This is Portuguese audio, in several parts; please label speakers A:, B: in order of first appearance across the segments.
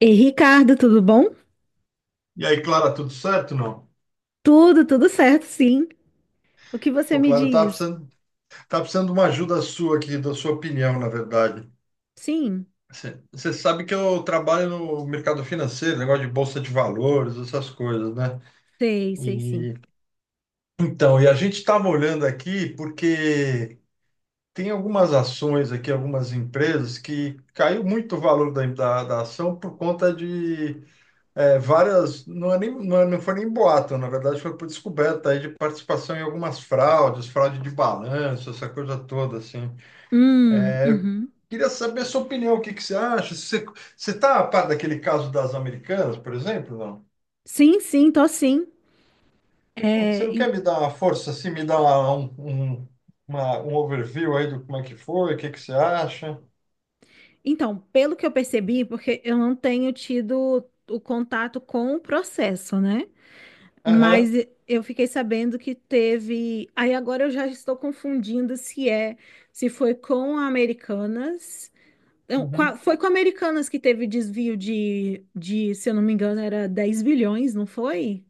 A: E Ricardo, tudo bom?
B: E aí, Clara, tudo certo, não?
A: Tudo, certo, sim. O que você
B: Pô,
A: me
B: Clara,
A: diz?
B: tá precisando de uma ajuda sua aqui, da sua opinião, na verdade.
A: Sim,
B: Você sabe que eu trabalho no mercado financeiro, negócio de bolsa de valores, essas coisas, né?
A: sei, sei, sim.
B: E então, e a gente estava olhando aqui porque tem algumas ações aqui, algumas empresas que caiu muito o valor da ação por conta de é, várias, não, é nem, não, não foi nem boato, na verdade foi por descoberta aí de participação em algumas fraudes, fraude de balanço, essa coisa toda, assim.
A: Uhum.
B: Queria saber a sua opinião, o que que você acha? Você, você tá a par daquele caso das americanas, por exemplo, não?
A: Sim, sim, tô sim.
B: Pô, você
A: É,
B: não
A: en-
B: quer me dar uma força, assim, me dar um, um overview aí do como é que foi, o que que você acha?
A: então, pelo que eu percebi, porque eu não tenho tido o contato com o processo, né?
B: Aham,
A: Mas eu fiquei sabendo que teve. Aí agora eu já estou confundindo se foi com a Americanas. Não, com
B: uhum.
A: foi com a Americanas que teve desvio se eu não me engano, era 10 bilhões, não foi?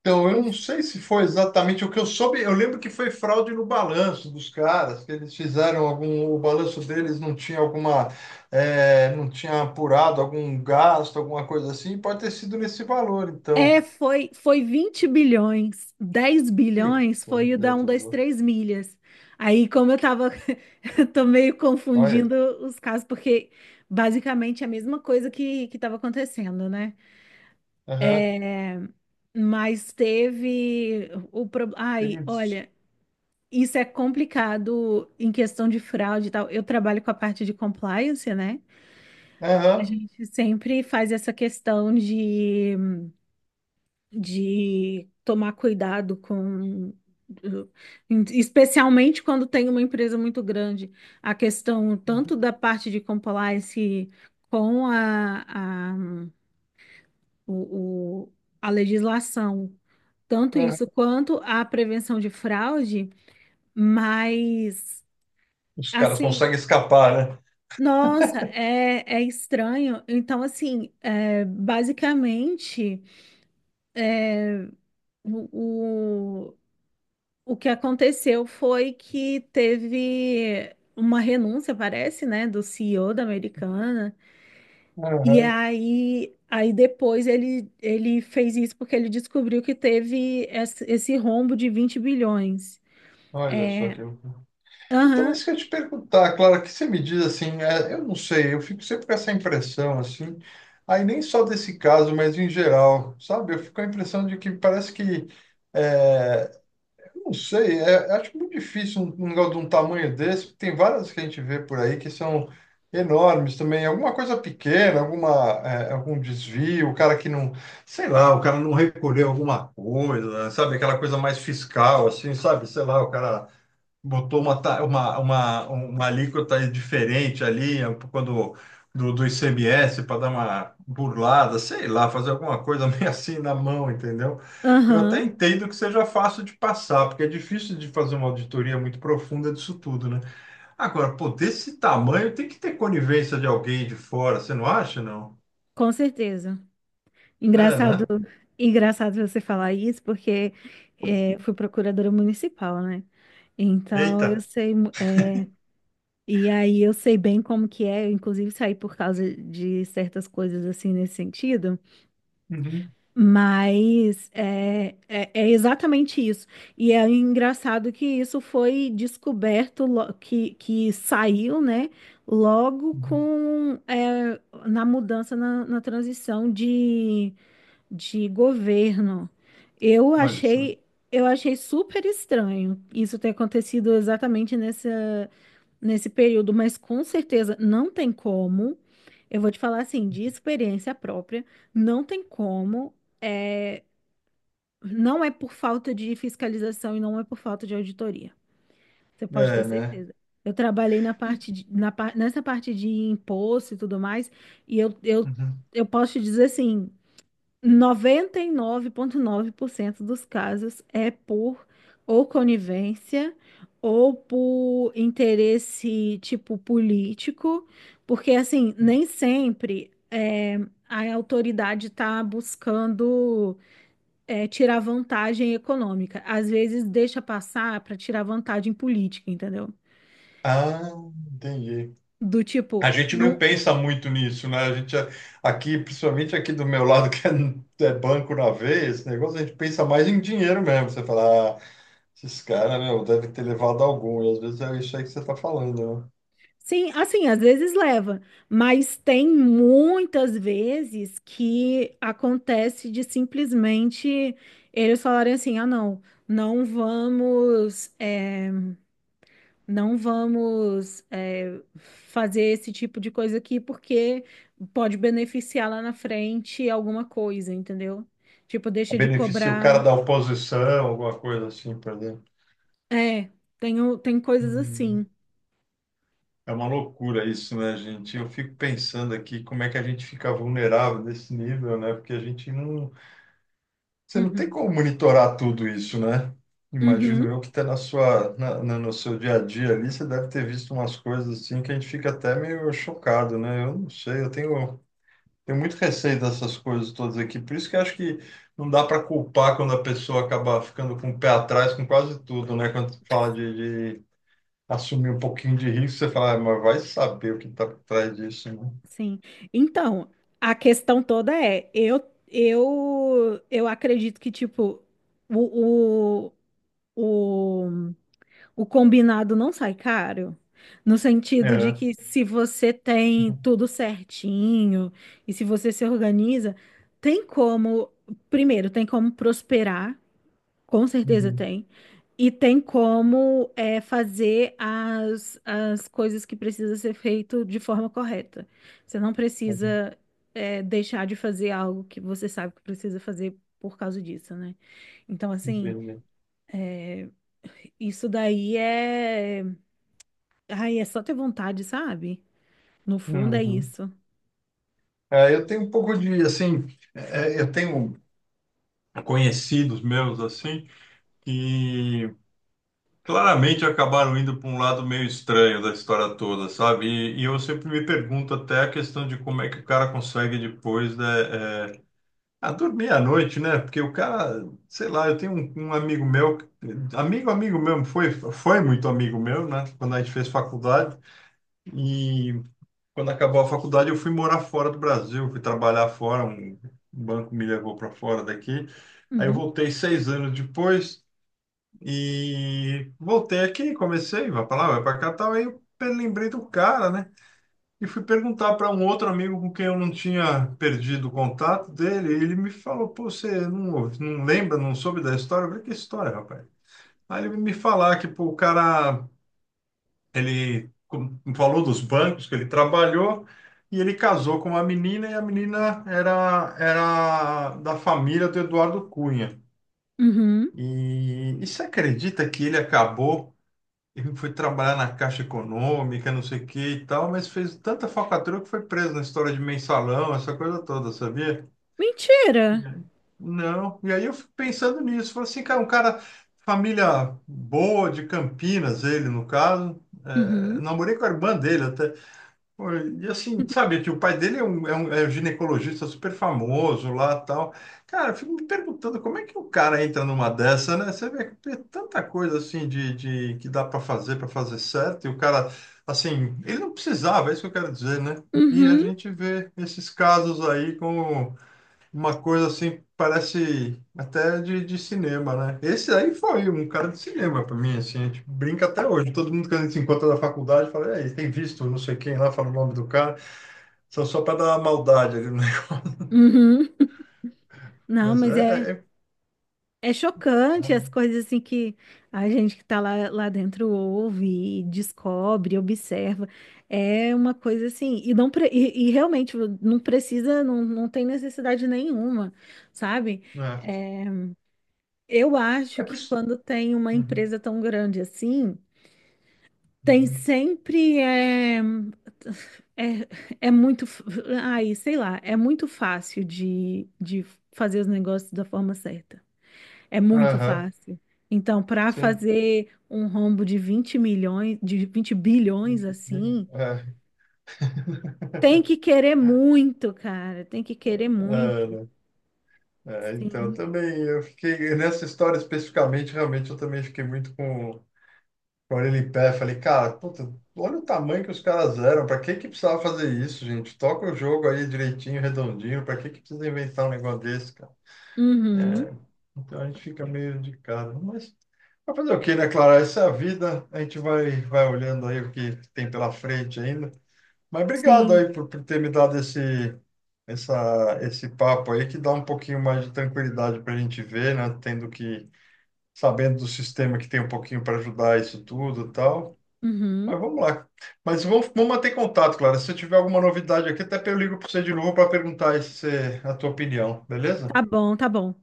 B: Então, eu
A: Ou-
B: não sei se foi exatamente o que eu soube. Eu lembro que foi fraude no balanço dos caras, que eles fizeram algum, o balanço deles não tinha alguma, não tinha apurado algum gasto, alguma coisa assim. Pode ter sido nesse valor,
A: É,
B: então.
A: foi 20 bilhões. 10
B: Que
A: bilhões foi o
B: coisa
A: da
B: de
A: um, 2,
B: louco.
A: 3 milhas. Aí, como eu tava, eu tô meio
B: Olha,
A: confundindo os casos, porque basicamente é a mesma coisa que tava acontecendo, né?
B: aham,
A: Mas teve o problema. Ai,
B: teve isso.
A: olha, isso é complicado em questão de fraude e tal. Eu trabalho com a parte de compliance, né? A
B: Aham,
A: gente sempre faz essa de tomar cuidado com, especialmente quando tem uma empresa muito grande, a questão tanto da parte de compliance com o, o- a legislação, tanto
B: aham.
A: isso quanto a prevenção de fraude, mas
B: Os caras
A: assim.
B: conseguem escapar, né?
A: Nossa, é, é estranho. Então, assim, é, basicamente. O, o, o que aconteceu foi que teve uma renúncia, parece, né, do CEO da Americana. E
B: Aham.
A: aí, aí depois ele fez isso porque ele descobriu que teve esse rombo de 20 bilhões.
B: Olha só
A: É,
B: que. Então,
A: aham,
B: isso que eu ia te perguntar, Clara, o que você me diz assim, é, eu não sei, eu fico sempre com essa impressão assim, aí nem só desse caso, mas em geral, sabe? Eu fico com a impressão de que parece que, é, eu não sei, é, acho muito difícil um negócio de um tamanho desse, tem várias que a gente vê por aí que são enormes também, alguma coisa pequena, algum desvio, o cara que não, sei lá, o cara não recolheu alguma coisa, sabe? Aquela coisa mais fiscal, assim, sabe? Sei lá, o cara botou uma, ta- uma alíquota diferente ali, é um pouco do ICMS, para dar uma burlada, sei lá, fazer alguma coisa meio assim na mão, entendeu? Eu
A: aham,
B: até entendo que seja fácil de passar, porque é difícil de fazer uma auditoria muito profunda disso tudo, né? Agora, pô, desse tamanho tem que ter conivência de alguém de fora, você não acha, não?
A: com certeza.
B: É,
A: Engraçado,
B: né?
A: engraçado você falar isso, porque é, eu fui procuradora municipal, né? Então
B: Eita.
A: eu sei. É, e aí eu sei bem como que é, eu inclusive saí por causa de certas coisas assim nesse sentido,
B: Uhum.
A: mas é exatamente isso. E é engraçado que isso foi descoberto, que saiu, né, logo
B: Uhum.
A: com, é, na mudança, na transição de governo. Eu
B: Olha só.
A: achei, eu achei super estranho isso ter acontecido exatamente nessa nesse período, mas com certeza não tem como. Eu vou te falar assim, de experiência própria, não tem como. É, não é por falta de fiscalização e não é por falta de auditoria. Você pode ter
B: É, né?
A: certeza. Eu trabalhei na parte de- na, par- nessa parte de imposto e tudo mais, e
B: Uhum.
A: eu posso te dizer assim, 99,9% dos casos é por ou conivência ou por interesse tipo político, porque assim, nem sempre é, a autoridade está buscando é, tirar vantagem econômica. Às vezes deixa passar para tirar vantagem política, entendeu?
B: Ah, entendi.
A: Do
B: A
A: tipo,
B: gente não
A: não,
B: pensa muito nisso, né? Aqui, principalmente aqui do meu lado, que é, é banco na veia, esse negócio, a gente pensa mais em dinheiro mesmo. Você fala, ah, esses caras, meu, devem ter levado algum. E às vezes é isso aí que você está falando, né?
A: sim, assim, às vezes leva, mas tem muitas vezes que acontece de simplesmente eles falarem assim: ah, não, não vamos, é, não vamos, é, fazer esse tipo de coisa aqui porque pode beneficiar lá na frente alguma coisa, entendeu? Tipo, deixa de
B: Beneficia o cara da
A: cobrar.
B: oposição, alguma coisa assim, por exemplo.
A: É, tem, tem coisas
B: Hum.
A: assim.
B: É uma loucura isso, né, gente? Eu fico pensando aqui como é que a gente fica vulnerável nesse nível, né? Porque a gente não. Você não tem
A: Uhum.
B: como monitorar tudo isso, né? Imagino
A: Uhum.
B: eu que está na sua, no seu dia a dia ali, você deve ter visto umas coisas assim que a gente fica até meio chocado, né? Eu não sei, eu tenho, tenho muito receio dessas coisas todas aqui. Por isso que eu acho que não dá para culpar quando a pessoa acaba ficando com o pé atrás com quase tudo, né? Quando você fala de assumir um pouquinho de risco, você fala, "Ah, mas vai saber o que está por trás disso, né?
A: Sim. Então, a questão toda é, eu acredito que tipo o, o, o, o combinado não sai caro, no sentido de
B: É.
A: que se você tem tudo certinho e se você se organiza, tem como, primeiro, tem como prosperar, com certeza
B: Uhum.
A: tem. E tem como é, fazer as coisas que precisa ser feito de forma correta. Você não
B: Uhum.
A: precisa é, deixar de fazer algo que você sabe que precisa fazer por causa disso, né? Então, assim,
B: Entendi.
A: isso daí é. Ai, é só ter vontade, sabe? No fundo é
B: Uhum.
A: isso.
B: É, eu tenho um pouco de, assim, eu tenho conhecidos meus, assim, que claramente acabaram indo para um lado meio estranho da história toda, sabe? E eu sempre me pergunto até a questão de como é que o cara consegue depois, né, é, a dormir à noite, né? Porque o cara, sei lá, eu tenho um amigo meu, amigo, amigo mesmo, foi muito amigo meu, né? Quando a gente fez faculdade. E quando acabou a faculdade, eu fui morar fora do Brasil, fui trabalhar fora, um banco me levou para fora daqui. Aí eu
A: Uhum.
B: voltei 6 anos depois e voltei aqui, comecei, vai para lá, vai para cá, tal. Lembrei do cara, né? E fui perguntar para um outro amigo com quem eu não tinha perdido o contato dele. E ele me falou: Pô, você não, não lembra, não soube da história? Eu falei: Que história, rapaz? Aí ele me falar que pô, o cara ele falou dos bancos que ele trabalhou e ele casou com uma menina e a menina era da família do Eduardo Cunha.
A: Uhum.
B: E você acredita que ele acabou, ele foi trabalhar na Caixa Econômica, não sei o que e tal, mas fez tanta falcatrua que foi preso na história de mensalão, essa coisa toda, sabia?
A: Mentira!
B: E aí? Não. E aí eu fico pensando nisso. Falei assim, cara, um cara, família boa de Campinas, ele no caso. É,
A: Uhum.
B: namorei com a irmã dele até. Pô, e assim, sabe, que o pai dele é um ginecologista super famoso lá tal. Cara, eu fico me perguntando como é que o cara entra numa dessa, né? Você vê que tem tanta coisa assim de que dá para fazer certo, e o cara, assim, ele não precisava, é isso que eu quero dizer, né?
A: Uhum.
B: E a
A: Uhum.
B: gente vê esses casos aí como uma coisa assim, parece até de cinema, né? Esse aí foi um cara de cinema pra mim, assim, a gente brinca até hoje. Todo mundo que a gente se encontra na faculdade fala, "Ei, tem visto não sei quem lá, fala o nome do cara, só, só para dar uma maldade ali, né?
A: Uhum. Não,
B: Mas
A: mas é. É chocante as coisas assim que a gente que tá lá dentro ouve, e descobre, observa. É uma coisa assim, e não pre- e realmente não precisa, não, não tem necessidade nenhuma, sabe?
B: é,
A: É, eu acho
B: é por
A: que
B: isso.
A: quando tem uma
B: Uhum,
A: empresa tão grande assim, tem
B: uhum.
A: sempre é, é ai, sei lá, é muito fácil de fazer os negócios da forma certa. É muito
B: Aham,
A: fácil. Então, para
B: sim.
A: fazer um rombo de 20 milhões, de 20 bilhões assim,
B: É,
A: tem que querer muito, cara. Tem que querer muito.
B: né? É, então,
A: Sim.
B: também eu fiquei nessa história especificamente, realmente eu também fiquei muito com ele em pé, falei, cara, puta, olha o tamanho que os caras eram, pra que que precisava fazer isso, gente? Toca o jogo aí direitinho, redondinho, pra que que precisa inventar um negócio desse, cara?
A: Uhum.
B: Então a gente fica meio indicado, mas vai fazer o quê, né, Clara? Essa é a vida, a gente vai, vai olhando aí o que tem pela frente ainda. Mas obrigado
A: Sim.
B: aí por ter me dado esse papo aí, que dá um pouquinho mais de tranquilidade pra gente ver, né, tendo que, sabendo do sistema que tem um pouquinho para ajudar isso tudo e tal.
A: Uhum.
B: Mas vamos lá. Mas vamos manter contato, Clara. Se eu tiver alguma novidade aqui, até eu ligo para você de novo para perguntar a tua opinião, beleza?
A: Tá bom, tá bom.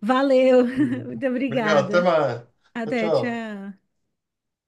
A: Valeu.
B: Beleza.
A: Muito
B: Obrigado, até
A: obrigada.
B: mais. Tchau,
A: Até,
B: tchau.
A: tchau.